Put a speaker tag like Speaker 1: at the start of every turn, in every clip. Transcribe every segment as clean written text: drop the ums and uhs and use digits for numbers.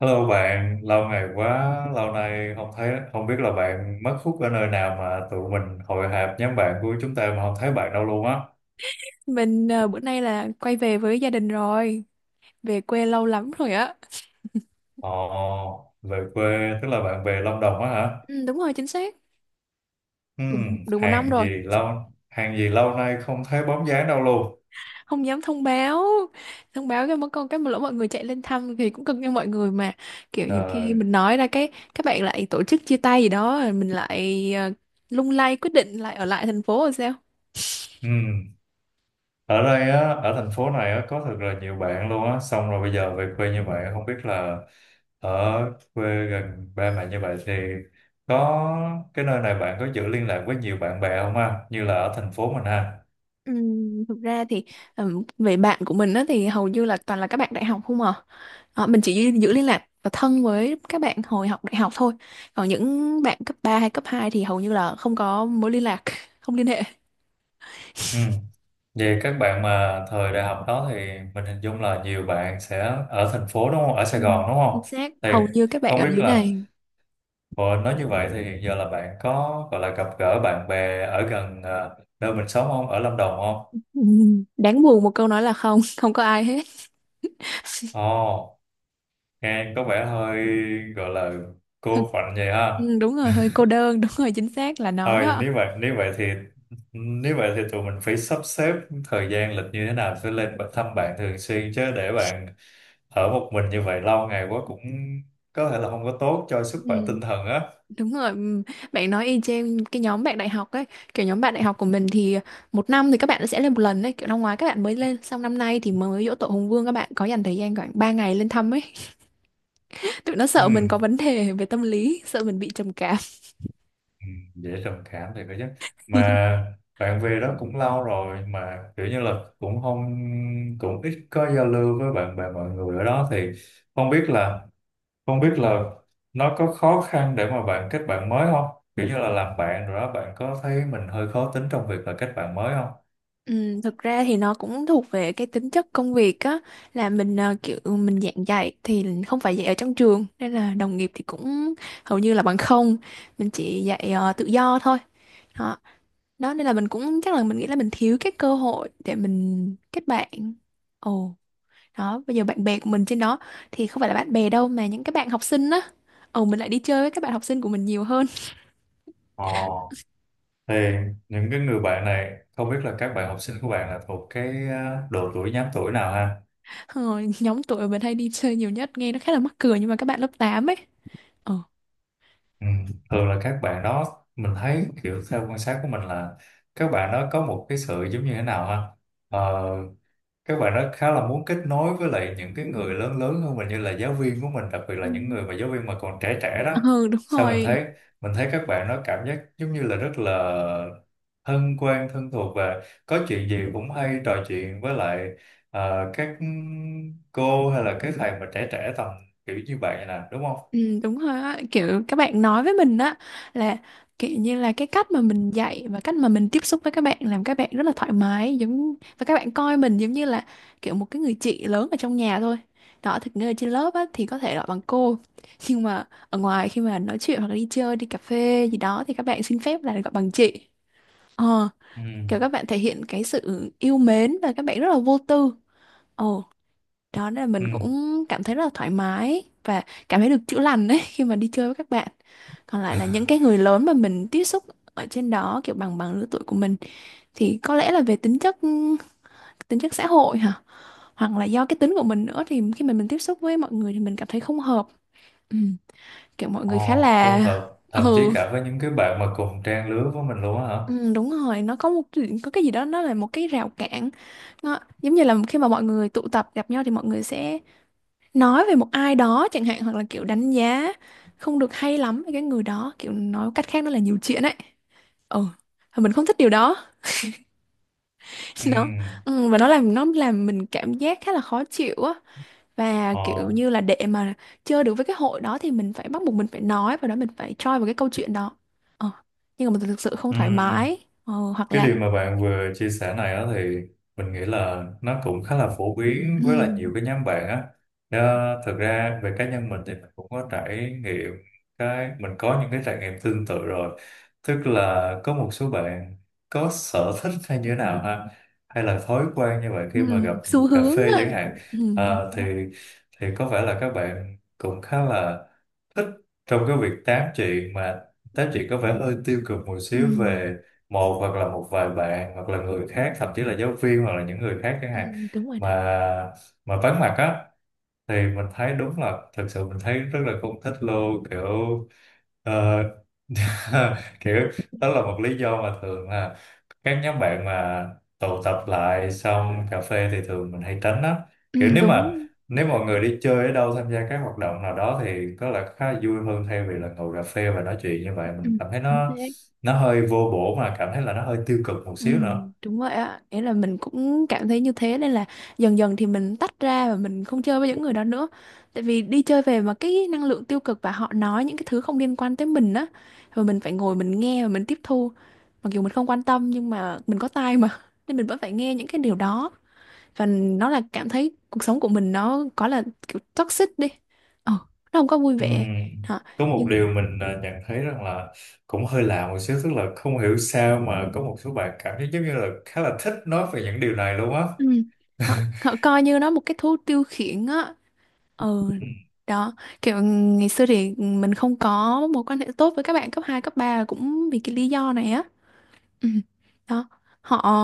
Speaker 1: Hello bạn, lâu ngày quá, lâu nay không thấy, không biết là bạn mất hút ở nơi nào mà tụi mình hội họp nhóm bạn của chúng ta mà không thấy bạn đâu luôn á.
Speaker 2: Mình bữa nay là quay về với gia đình rồi, về quê lâu lắm rồi á.
Speaker 1: Ồ, về quê, tức là bạn về Lâm Đồng á hả?
Speaker 2: Ừ, đúng rồi, chính xác,
Speaker 1: Ừ,
Speaker 2: được một năm
Speaker 1: hàng gì
Speaker 2: rồi,
Speaker 1: lâu, hàng gì lâu nay không thấy bóng dáng đâu luôn.
Speaker 2: không dám thông báo cái mất con cái mà lỡ mọi người chạy lên thăm thì cũng cưng cho mọi người mà. Kiểu nhiều khi
Speaker 1: Trời,
Speaker 2: mình nói ra cái các bạn lại tổ chức chia tay gì đó, rồi mình lại lung lay quyết định lại ở lại thành phố rồi sao?
Speaker 1: ừ. Ở đây á, ở thành phố này á có thật là nhiều bạn luôn á, xong rồi bây giờ về quê như vậy không biết là ở quê gần ba mẹ như vậy thì có cái nơi này bạn có giữ liên lạc với nhiều bạn bè không ha, như là ở thành phố mình ha?
Speaker 2: Thực ra thì về bạn của mình á, thì hầu như là toàn là các bạn đại học không à. Ờ, mình chỉ giữ giữ liên lạc và thân với các bạn hồi học đại học thôi, còn những bạn cấp 3 hay cấp 2 thì hầu như là không có mối liên lạc, không liên hệ.
Speaker 1: Ừ. Vậy các bạn mà thời đại học đó thì mình hình dung là nhiều bạn sẽ ở thành phố đúng không, ở Sài
Speaker 2: Ừ,
Speaker 1: Gòn đúng không?
Speaker 2: chính xác,
Speaker 1: Thì
Speaker 2: hầu như các bạn
Speaker 1: không
Speaker 2: ở
Speaker 1: biết
Speaker 2: dưới
Speaker 1: là
Speaker 2: này.
Speaker 1: ờ, nói như vậy thì giờ là bạn có gọi là gặp gỡ bạn bè ở gần à, nơi mình sống không, ở Lâm Đồng không?
Speaker 2: Ừm, đáng buồn một câu nói là không, không có ai hết.
Speaker 1: Ồ, nghe có vẻ hơi, gọi là, cô khoạnh vậy ha.
Speaker 2: Ừ, đúng rồi, hơi cô đơn, đúng rồi, chính xác là nó
Speaker 1: Thôi
Speaker 2: đó.
Speaker 1: nếu vậy, nếu vậy thì, nếu vậy thì tụi mình phải sắp xếp thời gian lịch như thế nào sẽ lên bạn- thăm bạn thường xuyên chứ, để bạn ở một mình như vậy lâu ngày quá cũng có thể là không có tốt cho sức khỏe
Speaker 2: Ừ.
Speaker 1: tinh thần á.
Speaker 2: Đúng rồi, bạn nói y chang cái nhóm bạn đại học ấy, kiểu nhóm bạn đại học của mình thì một năm thì các bạn sẽ lên một lần đấy, kiểu năm ngoái các bạn mới lên, xong năm nay thì mới giỗ tổ Hùng Vương các bạn có dành thời gian khoảng 3 ngày lên thăm ấy. Tụi nó
Speaker 1: Ừ,
Speaker 2: sợ mình có vấn đề về tâm lý, sợ mình bị trầm cảm.
Speaker 1: ừ, dễ trầm cảm thì có chứ, mà bạn về đó cũng lâu rồi mà kiểu như là cũng không, cũng ít có giao lưu với bạn bè mọi người ở đó thì không biết là, không biết là nó có khó khăn để mà bạn kết bạn mới không? Kiểu như là làm bạn rồi đó, bạn có thấy mình hơi khó tính trong việc là kết bạn mới không?
Speaker 2: Ừ, thực ra thì nó cũng thuộc về cái tính chất công việc á, là mình kiểu mình giảng dạy thì không phải dạy ở trong trường nên là đồng nghiệp thì cũng hầu như là bằng không. Mình chỉ dạy tự do thôi đó. Đó nên là mình cũng chắc là mình nghĩ là mình thiếu cái cơ hội để mình kết bạn. Ồ, đó bây giờ bạn bè của mình trên đó thì không phải là bạn bè đâu mà những cái bạn học sinh á. Ồ, mình lại đi chơi với các bạn học sinh của mình nhiều hơn.
Speaker 1: Ờ, thì Những cái người bạn này không biết là các bạn học sinh của bạn là thuộc cái độ tuổi, nhóm tuổi nào ha?
Speaker 2: ờ, Nhóm tuổi mình hay đi chơi nhiều nhất nghe nó khá là mắc cười nhưng mà các bạn lớp 8 ấy ờ
Speaker 1: Ừ. Thường là các bạn đó mình thấy kiểu theo quan sát của mình là các bạn đó có một cái sự giống như thế nào ha? Ờ, các bạn đó khá là muốn kết nối với lại những cái người lớn, lớn hơn mình như là giáo viên của mình, đặc biệt là
Speaker 2: Ừ,
Speaker 1: những người mà giáo viên mà còn trẻ trẻ đó.
Speaker 2: ừ đúng
Speaker 1: Sao mình
Speaker 2: rồi.
Speaker 1: thấy, mình thấy các bạn nó cảm giác giống như là rất là thân quen, thân thuộc, và có chuyện gì cũng hay trò chuyện với lại các cô hay là các thầy mà trẻ trẻ tầm kiểu như vậy nè, đúng không?
Speaker 2: Ừ, đúng rồi á, kiểu các bạn nói với mình á là kiểu như là cái cách mà mình dạy và cách mà mình tiếp xúc với các bạn làm các bạn rất là thoải mái, giống và các bạn coi mình giống như là kiểu một cái người chị lớn ở trong nhà thôi đó. Thực ra trên lớp á thì có thể gọi bằng cô, nhưng mà ở ngoài khi mà nói chuyện hoặc là đi chơi đi cà phê gì đó thì các bạn xin phép là gọi bằng chị. ờ
Speaker 1: Ừ,
Speaker 2: Kiểu các bạn thể hiện cái sự yêu mến và các bạn rất là vô tư. Ờ Đó nên là
Speaker 1: ừ.
Speaker 2: mình cũng cảm thấy rất là thoải mái và cảm thấy được chữa lành đấy khi mà đi chơi với các bạn. Còn lại là những cái người lớn mà mình tiếp xúc ở trên đó, kiểu bằng bằng lứa tuổi của mình, thì có lẽ là về tính chất xã hội hả, hoặc là do cái tính của mình nữa, thì khi mà mình tiếp xúc với mọi người thì mình cảm thấy không hợp. Ừ. Kiểu mọi người khá
Speaker 1: Ồ, không
Speaker 2: là,
Speaker 1: hợp, thậm chí
Speaker 2: ừ.
Speaker 1: cả với những cái bạn mà cùng trang lứa với mình luôn á hả?
Speaker 2: Ừ, đúng rồi, nó có một, có cái gì đó nó là một cái rào cản, nó giống như là khi mà mọi người tụ tập gặp nhau thì mọi người sẽ nói về một ai đó chẳng hạn hoặc là kiểu đánh giá không được hay lắm với cái người đó, kiểu nói cách khác nó là nhiều chuyện ấy. Ừ. Và mình không thích điều đó,
Speaker 1: Ừ,
Speaker 2: nó, ừ, và nó làm mình cảm giác khá là khó chịu á, và
Speaker 1: ồ,
Speaker 2: kiểu như là để mà chơi được với cái hội đó thì mình phải bắt buộc mình phải nói và đó mình phải choi vào cái câu chuyện đó. ờ. Nhưng mà mình thực sự không
Speaker 1: ừ.
Speaker 2: thoải mái, hoặc
Speaker 1: Cái
Speaker 2: là.
Speaker 1: điều mà bạn vừa chia sẻ này á thì mình nghĩ là nó cũng khá là phổ biến
Speaker 2: Ừ,
Speaker 1: với lại nhiều cái nhóm bạn á. Ờ, thực ra về cá nhân mình thì mình cũng có trải nghiệm, cái mình có những cái trải nghiệm tương tự rồi, tức là có một số bạn có sở thích hay như thế nào ha, hay là thói quen như vậy khi mà gặp
Speaker 2: ừ, xu
Speaker 1: cà
Speaker 2: hướng
Speaker 1: phê
Speaker 2: á.
Speaker 1: chẳng hạn.
Speaker 2: Ừ, đúng
Speaker 1: Ờ,
Speaker 2: rồi đó.
Speaker 1: thì có vẻ là các bạn cũng khá là thích trong cái việc tám chuyện, mà tám chuyện có vẻ hơi tiêu cực một xíu
Speaker 2: Ừ,
Speaker 1: về một hoặc là một vài bạn hoặc là người khác, thậm chí là giáo viên hoặc là những người khác chẳng hạn,
Speaker 2: ừ, đúng rồi đó.
Speaker 1: mà mà vắng mặt á. Thì mình thấy đúng là thật sự mình thấy rất là không thích luôn, kiểu ờ, kiểu đó là một lý do mà thường là các nhóm bạn mà tụ tập lại xong cà phê thì thường mình hay tránh á.
Speaker 2: Ừ,
Speaker 1: Kiểu nếu
Speaker 2: đúng.
Speaker 1: mà, nếu mọi người đi chơi ở đâu, tham gia các hoạt động nào đó thì có là khá là vui hơn, thay vì là ngồi cà phê và nói chuyện như vậy,
Speaker 2: Ừ,
Speaker 1: mình cảm thấy
Speaker 2: đúng
Speaker 1: nó
Speaker 2: thế.
Speaker 1: nó hơi vô bổ mà cảm thấy là nó hơi tiêu cực một
Speaker 2: Ừ,
Speaker 1: xíu nữa.
Speaker 2: đúng vậy ạ. Nghĩa là mình cũng cảm thấy như thế nên là dần dần thì mình tách ra và mình không chơi với những người đó nữa. Tại vì đi chơi về mà cái năng lượng tiêu cực và họ nói những cái thứ không liên quan tới mình á, rồi mình phải ngồi mình nghe và mình tiếp thu. Mặc dù mình không quan tâm nhưng mà mình có tai mà nên mình vẫn phải nghe những cái điều đó và nó là cảm thấy cuộc sống của mình nó có là kiểu toxic đi. Ờ, nó không có vui
Speaker 1: Ừm,
Speaker 2: vẻ. Họ
Speaker 1: Có một
Speaker 2: nhưng
Speaker 1: điều mình à, nhận thấy rằng là cũng hơi lạ một xíu, tức là không hiểu sao mà có một số bạn cảm thấy giống như là khá là thích nói về những điều này luôn á.
Speaker 2: ừ, họ họ coi như nó một cái thú tiêu khiển á. Ừ,
Speaker 1: Ừm,
Speaker 2: đó, kiểu ngày xưa thì mình không có mối quan hệ tốt với các bạn cấp 2 cấp 3 là cũng vì cái lý do này á. Ừ. Đó, họ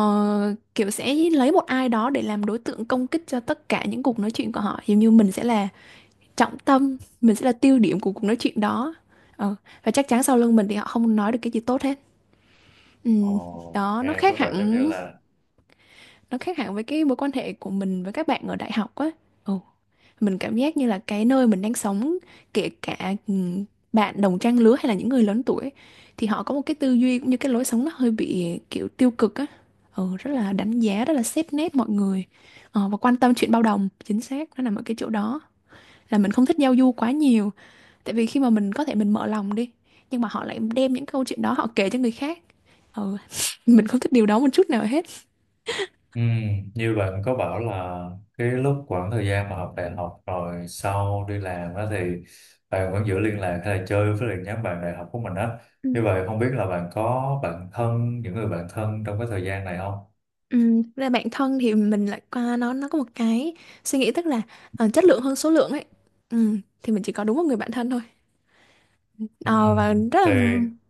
Speaker 2: kiểu sẽ lấy một ai đó để làm đối tượng công kích cho tất cả những cuộc nói chuyện của họ. Giống như mình sẽ là trọng tâm, mình sẽ là tiêu điểm của cuộc nói chuyện đó. Ừ. Và chắc chắn sau lưng mình thì họ không nói được cái gì tốt hết. Ừ.
Speaker 1: ồ,
Speaker 2: Đó,
Speaker 1: nghe có vẻ giống như là,
Speaker 2: nó khác hẳn với cái mối quan hệ của mình với các bạn ở đại học á. Ừ. Mình cảm giác như là cái nơi mình đang sống, kể cả, bạn đồng trang lứa hay là những người lớn tuổi thì họ có một cái tư duy cũng như cái lối sống nó hơi bị, kiểu, tiêu cực á. Ừ, rất là đánh giá, rất là xét nét mọi người, và quan tâm chuyện bao đồng, chính xác, nó nằm ở cái chỗ đó. Là mình không thích giao du quá nhiều, tại vì khi mà mình có thể mình mở lòng đi, nhưng mà họ lại đem những câu chuyện đó họ kể cho người khác. Ừ, mình không thích điều đó một chút nào hết.
Speaker 1: như bạn có bảo là cái lúc khoảng thời gian mà học đại học rồi sau đi làm á thì bạn vẫn giữ liên lạc hay là chơi với lại nhóm bạn đại học của mình á,
Speaker 2: Ừ.
Speaker 1: như vậy không biết là bạn có bạn thân, những người bạn thân trong cái thời gian này không?
Speaker 2: Thực ra bản thân thì mình lại qua nó có một cái suy nghĩ, tức là chất lượng hơn số lượng ấy. Thì mình chỉ có đúng một người bạn thân thôi. Ờ, và
Speaker 1: Ừm,
Speaker 2: rất
Speaker 1: thì
Speaker 2: là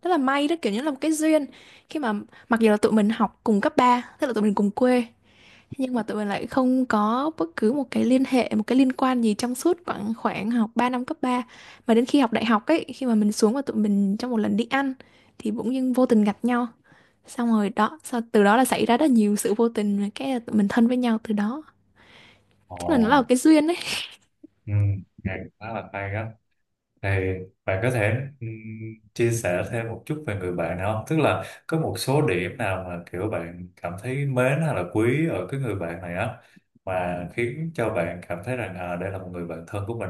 Speaker 2: rất là may đó, kiểu như là một cái duyên khi mà, mặc dù là tụi mình học cùng cấp 3, tức là tụi mình cùng quê, nhưng mà tụi mình lại không có bất cứ một cái liên hệ, một cái liên quan gì trong suốt khoảng khoảng học 3 năm cấp 3, mà đến khi học đại học ấy khi mà mình xuống và tụi mình trong một lần đi ăn thì bỗng dưng vô tình gặp nhau, xong rồi đó sau từ đó là xảy ra rất nhiều sự vô tình và cái là tụi mình thân với nhau từ đó.
Speaker 1: ồ,
Speaker 2: Chắc là nó là một cái duyên đấy.
Speaker 1: ừ, nghe khá là hay đó. Thì bạn có thể, ừm, chia sẻ thêm một chút về người bạn nào không? Tức là có một số điểm nào mà kiểu bạn cảm thấy mến hay là quý ở cái người bạn này á, mà khiến cho bạn cảm thấy rằng à, đây là một người bạn thân của mình.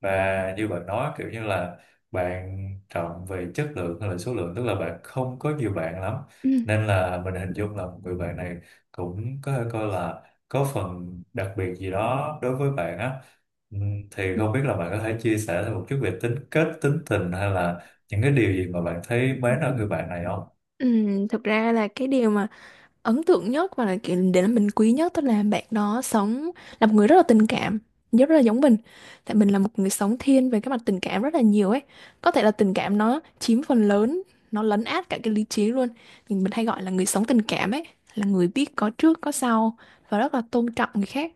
Speaker 1: Và như bạn nói kiểu như là bạn trọng về chất lượng hay là số lượng, tức là bạn không có nhiều bạn lắm,
Speaker 2: Ừ.
Speaker 1: nên là mình hình dung là một người bạn này cũng có thể coi là có phần đặc biệt gì đó đối với bạn á. Thì không biết là bạn có thể chia sẻ thêm một chút về tính cách, tính tình hay là những cái điều gì mà bạn thấy mến ở người bạn này không?
Speaker 2: Ừ, thực ra là cái điều mà ấn tượng nhất và là kiểu để là mình quý nhất, tức là bạn đó sống là một người rất là tình cảm, rất là giống mình. Tại mình là một người sống thiên về cái mặt tình cảm rất là nhiều ấy, có thể là tình cảm nó chiếm phần lớn, nó lấn át cả cái lý trí luôn, nhưng mình hay gọi là người sống tình cảm ấy là người biết có trước có sau và rất là tôn trọng người khác.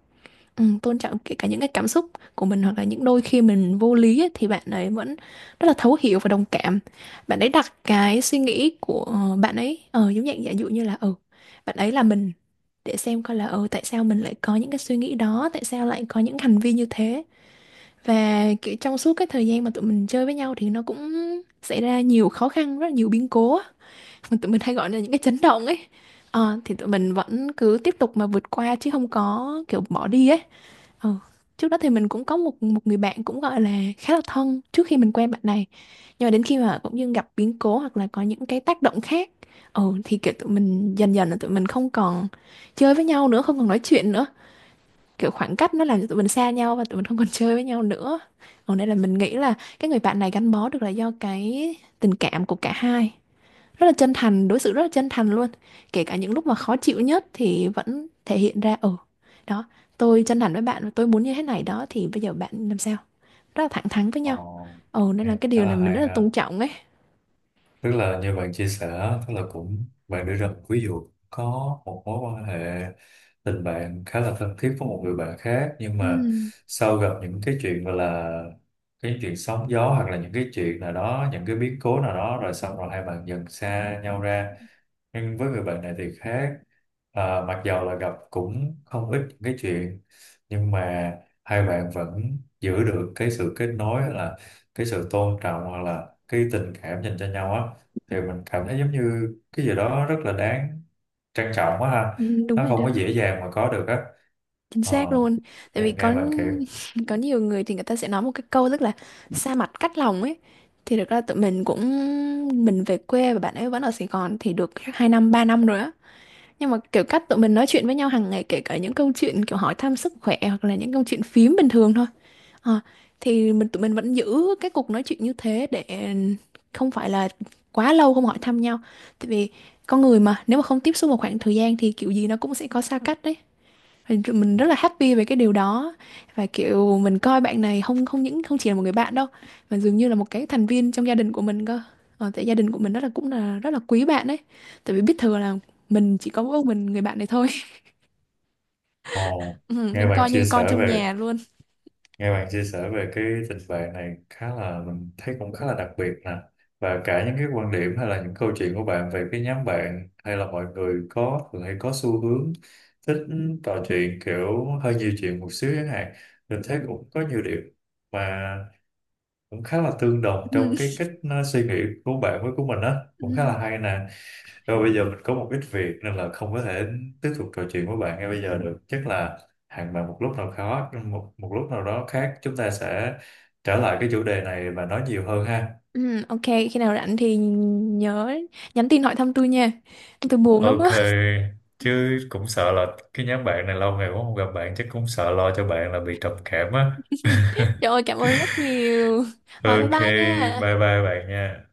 Speaker 2: Ừ, tôn trọng kể cả những cái cảm xúc của mình hoặc là những đôi khi mình vô lý ấy, thì bạn ấy vẫn rất là thấu hiểu và đồng cảm. Bạn ấy đặt cái suy nghĩ của bạn ấy giống dạng, giả dụ như là ừ bạn ấy là mình, để xem coi là ừ tại sao mình lại có những cái suy nghĩ đó, tại sao lại có những hành vi như thế. Và kiểu trong suốt cái thời gian mà tụi mình chơi với nhau thì nó cũng xảy ra nhiều khó khăn, rất là nhiều biến cố á, mà tụi mình hay gọi là những cái chấn động ấy. Ờ, thì tụi mình vẫn cứ tiếp tục mà vượt qua chứ không có kiểu bỏ đi ấy. Ờ, trước đó thì mình cũng có một một người bạn cũng gọi là khá là thân trước khi mình quen bạn này. Nhưng mà đến khi mà cũng như gặp biến cố hoặc là có những cái tác động khác, thì kiểu tụi mình dần dần là tụi mình không còn chơi với nhau nữa, không còn nói chuyện nữa. Kiểu khoảng cách nó làm cho tụi mình xa nhau và tụi mình không còn chơi với nhau nữa. Còn đây là mình nghĩ là cái người bạn này gắn bó được là do cái tình cảm của cả hai rất là chân thành, đối xử rất là chân thành luôn, kể cả những lúc mà khó chịu nhất thì vẫn thể hiện ra, ừ, đó, tôi chân thành với bạn và tôi muốn như thế này đó, thì bây giờ bạn làm sao, rất là thẳng thắn với nhau.
Speaker 1: Ồ,
Speaker 2: Ừ, nên là
Speaker 1: nghe
Speaker 2: cái
Speaker 1: khá
Speaker 2: điều này
Speaker 1: là
Speaker 2: mình rất
Speaker 1: hay
Speaker 2: là
Speaker 1: ha.
Speaker 2: tôn trọng ấy.
Speaker 1: Tức là như bạn chia sẻ, tức là cũng bạn đưa ra một ví dụ có một mối quan hệ tình bạn khá là thân thiết với một người bạn khác, nhưng mà
Speaker 2: Ừ,
Speaker 1: sau gặp những cái chuyện gọi là cái chuyện sóng gió hoặc là những cái chuyện nào đó, những cái biến cố nào đó, rồi xong rồi hai bạn dần xa nhau ra. Nhưng với người bệnh này thì khác. Ờ, mặc dầu là gặp cũng không ít những cái chuyện, nhưng mà hai bạn vẫn giữ được cái sự kết nối hay là cái sự tôn trọng hoặc là cái tình cảm dành cho nhau á, thì mình cảm thấy giống như cái gì đó rất là đáng trân trọng quá ha.
Speaker 2: ừ đúng
Speaker 1: Nó
Speaker 2: rồi
Speaker 1: không
Speaker 2: đó.
Speaker 1: có dễ dàng mà có được á.
Speaker 2: Chính
Speaker 1: Ờ,
Speaker 2: xác luôn, tại
Speaker 1: thì
Speaker 2: vì
Speaker 1: nghe
Speaker 2: có
Speaker 1: bạn kể,
Speaker 2: có nhiều người thì người ta sẽ nói một cái câu rất là xa mặt cách lòng ấy. Thì thực ra tụi mình cũng, mình về quê và bạn ấy vẫn ở Sài Gòn thì được 2 năm 3 năm rồi á, nhưng mà kiểu cách tụi mình nói chuyện với nhau hàng ngày kể cả những câu chuyện kiểu hỏi thăm sức khỏe hoặc là những câu chuyện phím bình thường thôi. Ờ, thì tụi mình vẫn giữ cái cuộc nói chuyện như thế để không phải là quá lâu không hỏi thăm nhau, tại vì con người mà nếu mà không tiếp xúc một khoảng thời gian thì kiểu gì nó cũng sẽ có xa cách đấy. Và tụi mình rất là happy về cái điều đó, và kiểu mình coi bạn này không không những không chỉ là một người bạn đâu mà dường như là một cái thành viên trong gia đình của mình cơ. Tại gia đình của mình rất là, cũng là rất là quý bạn ấy, tại vì biết thừa là mình chỉ có mỗi mình người bạn này thôi.
Speaker 1: ồ,
Speaker 2: Ừ,
Speaker 1: nghe
Speaker 2: nên
Speaker 1: bạn
Speaker 2: coi
Speaker 1: chia
Speaker 2: như con
Speaker 1: sẻ
Speaker 2: trong
Speaker 1: về,
Speaker 2: nhà luôn.
Speaker 1: nghe bạn chia sẻ về cái tình bạn này, khá là mình thấy cũng khá là đặc biệt nè. Và cả những cái quan điểm hay là những câu chuyện của bạn về cái nhóm bạn hay là mọi người có thường hay có xu hướng thích trò chuyện kiểu hơi nhiều chuyện một xíu chẳng hạn, mình thấy cũng có nhiều điểm mà cũng khá là tương đồng
Speaker 2: Ừ,
Speaker 1: trong cái cách suy nghĩ của bạn với của mình á, cũng khá là
Speaker 2: ừ,
Speaker 1: hay nè. Rồi bây giờ mình có một ít việc nên là không có thể tiếp tục trò chuyện với bạn ngay bây giờ được. Chắc là hẹn bạn một lúc nào khó, một, một lúc nào đó khác chúng ta sẽ trở lại cái chủ đề này và nói nhiều hơn ha.
Speaker 2: ừ, ok, khi nào rảnh thì nhớ nhắn tin hỏi thăm tôi nha, tôi buồn lắm á.
Speaker 1: Ok, chứ cũng sợ là cái nhóm bạn này lâu ngày quá không gặp bạn chắc cũng sợ lo cho bạn là bị trầm cảm á.
Speaker 2: Trời ơi, cảm ơn rất nhiều. Rồi bye
Speaker 1: Ok,
Speaker 2: bye nha.
Speaker 1: bye bye bạn nha.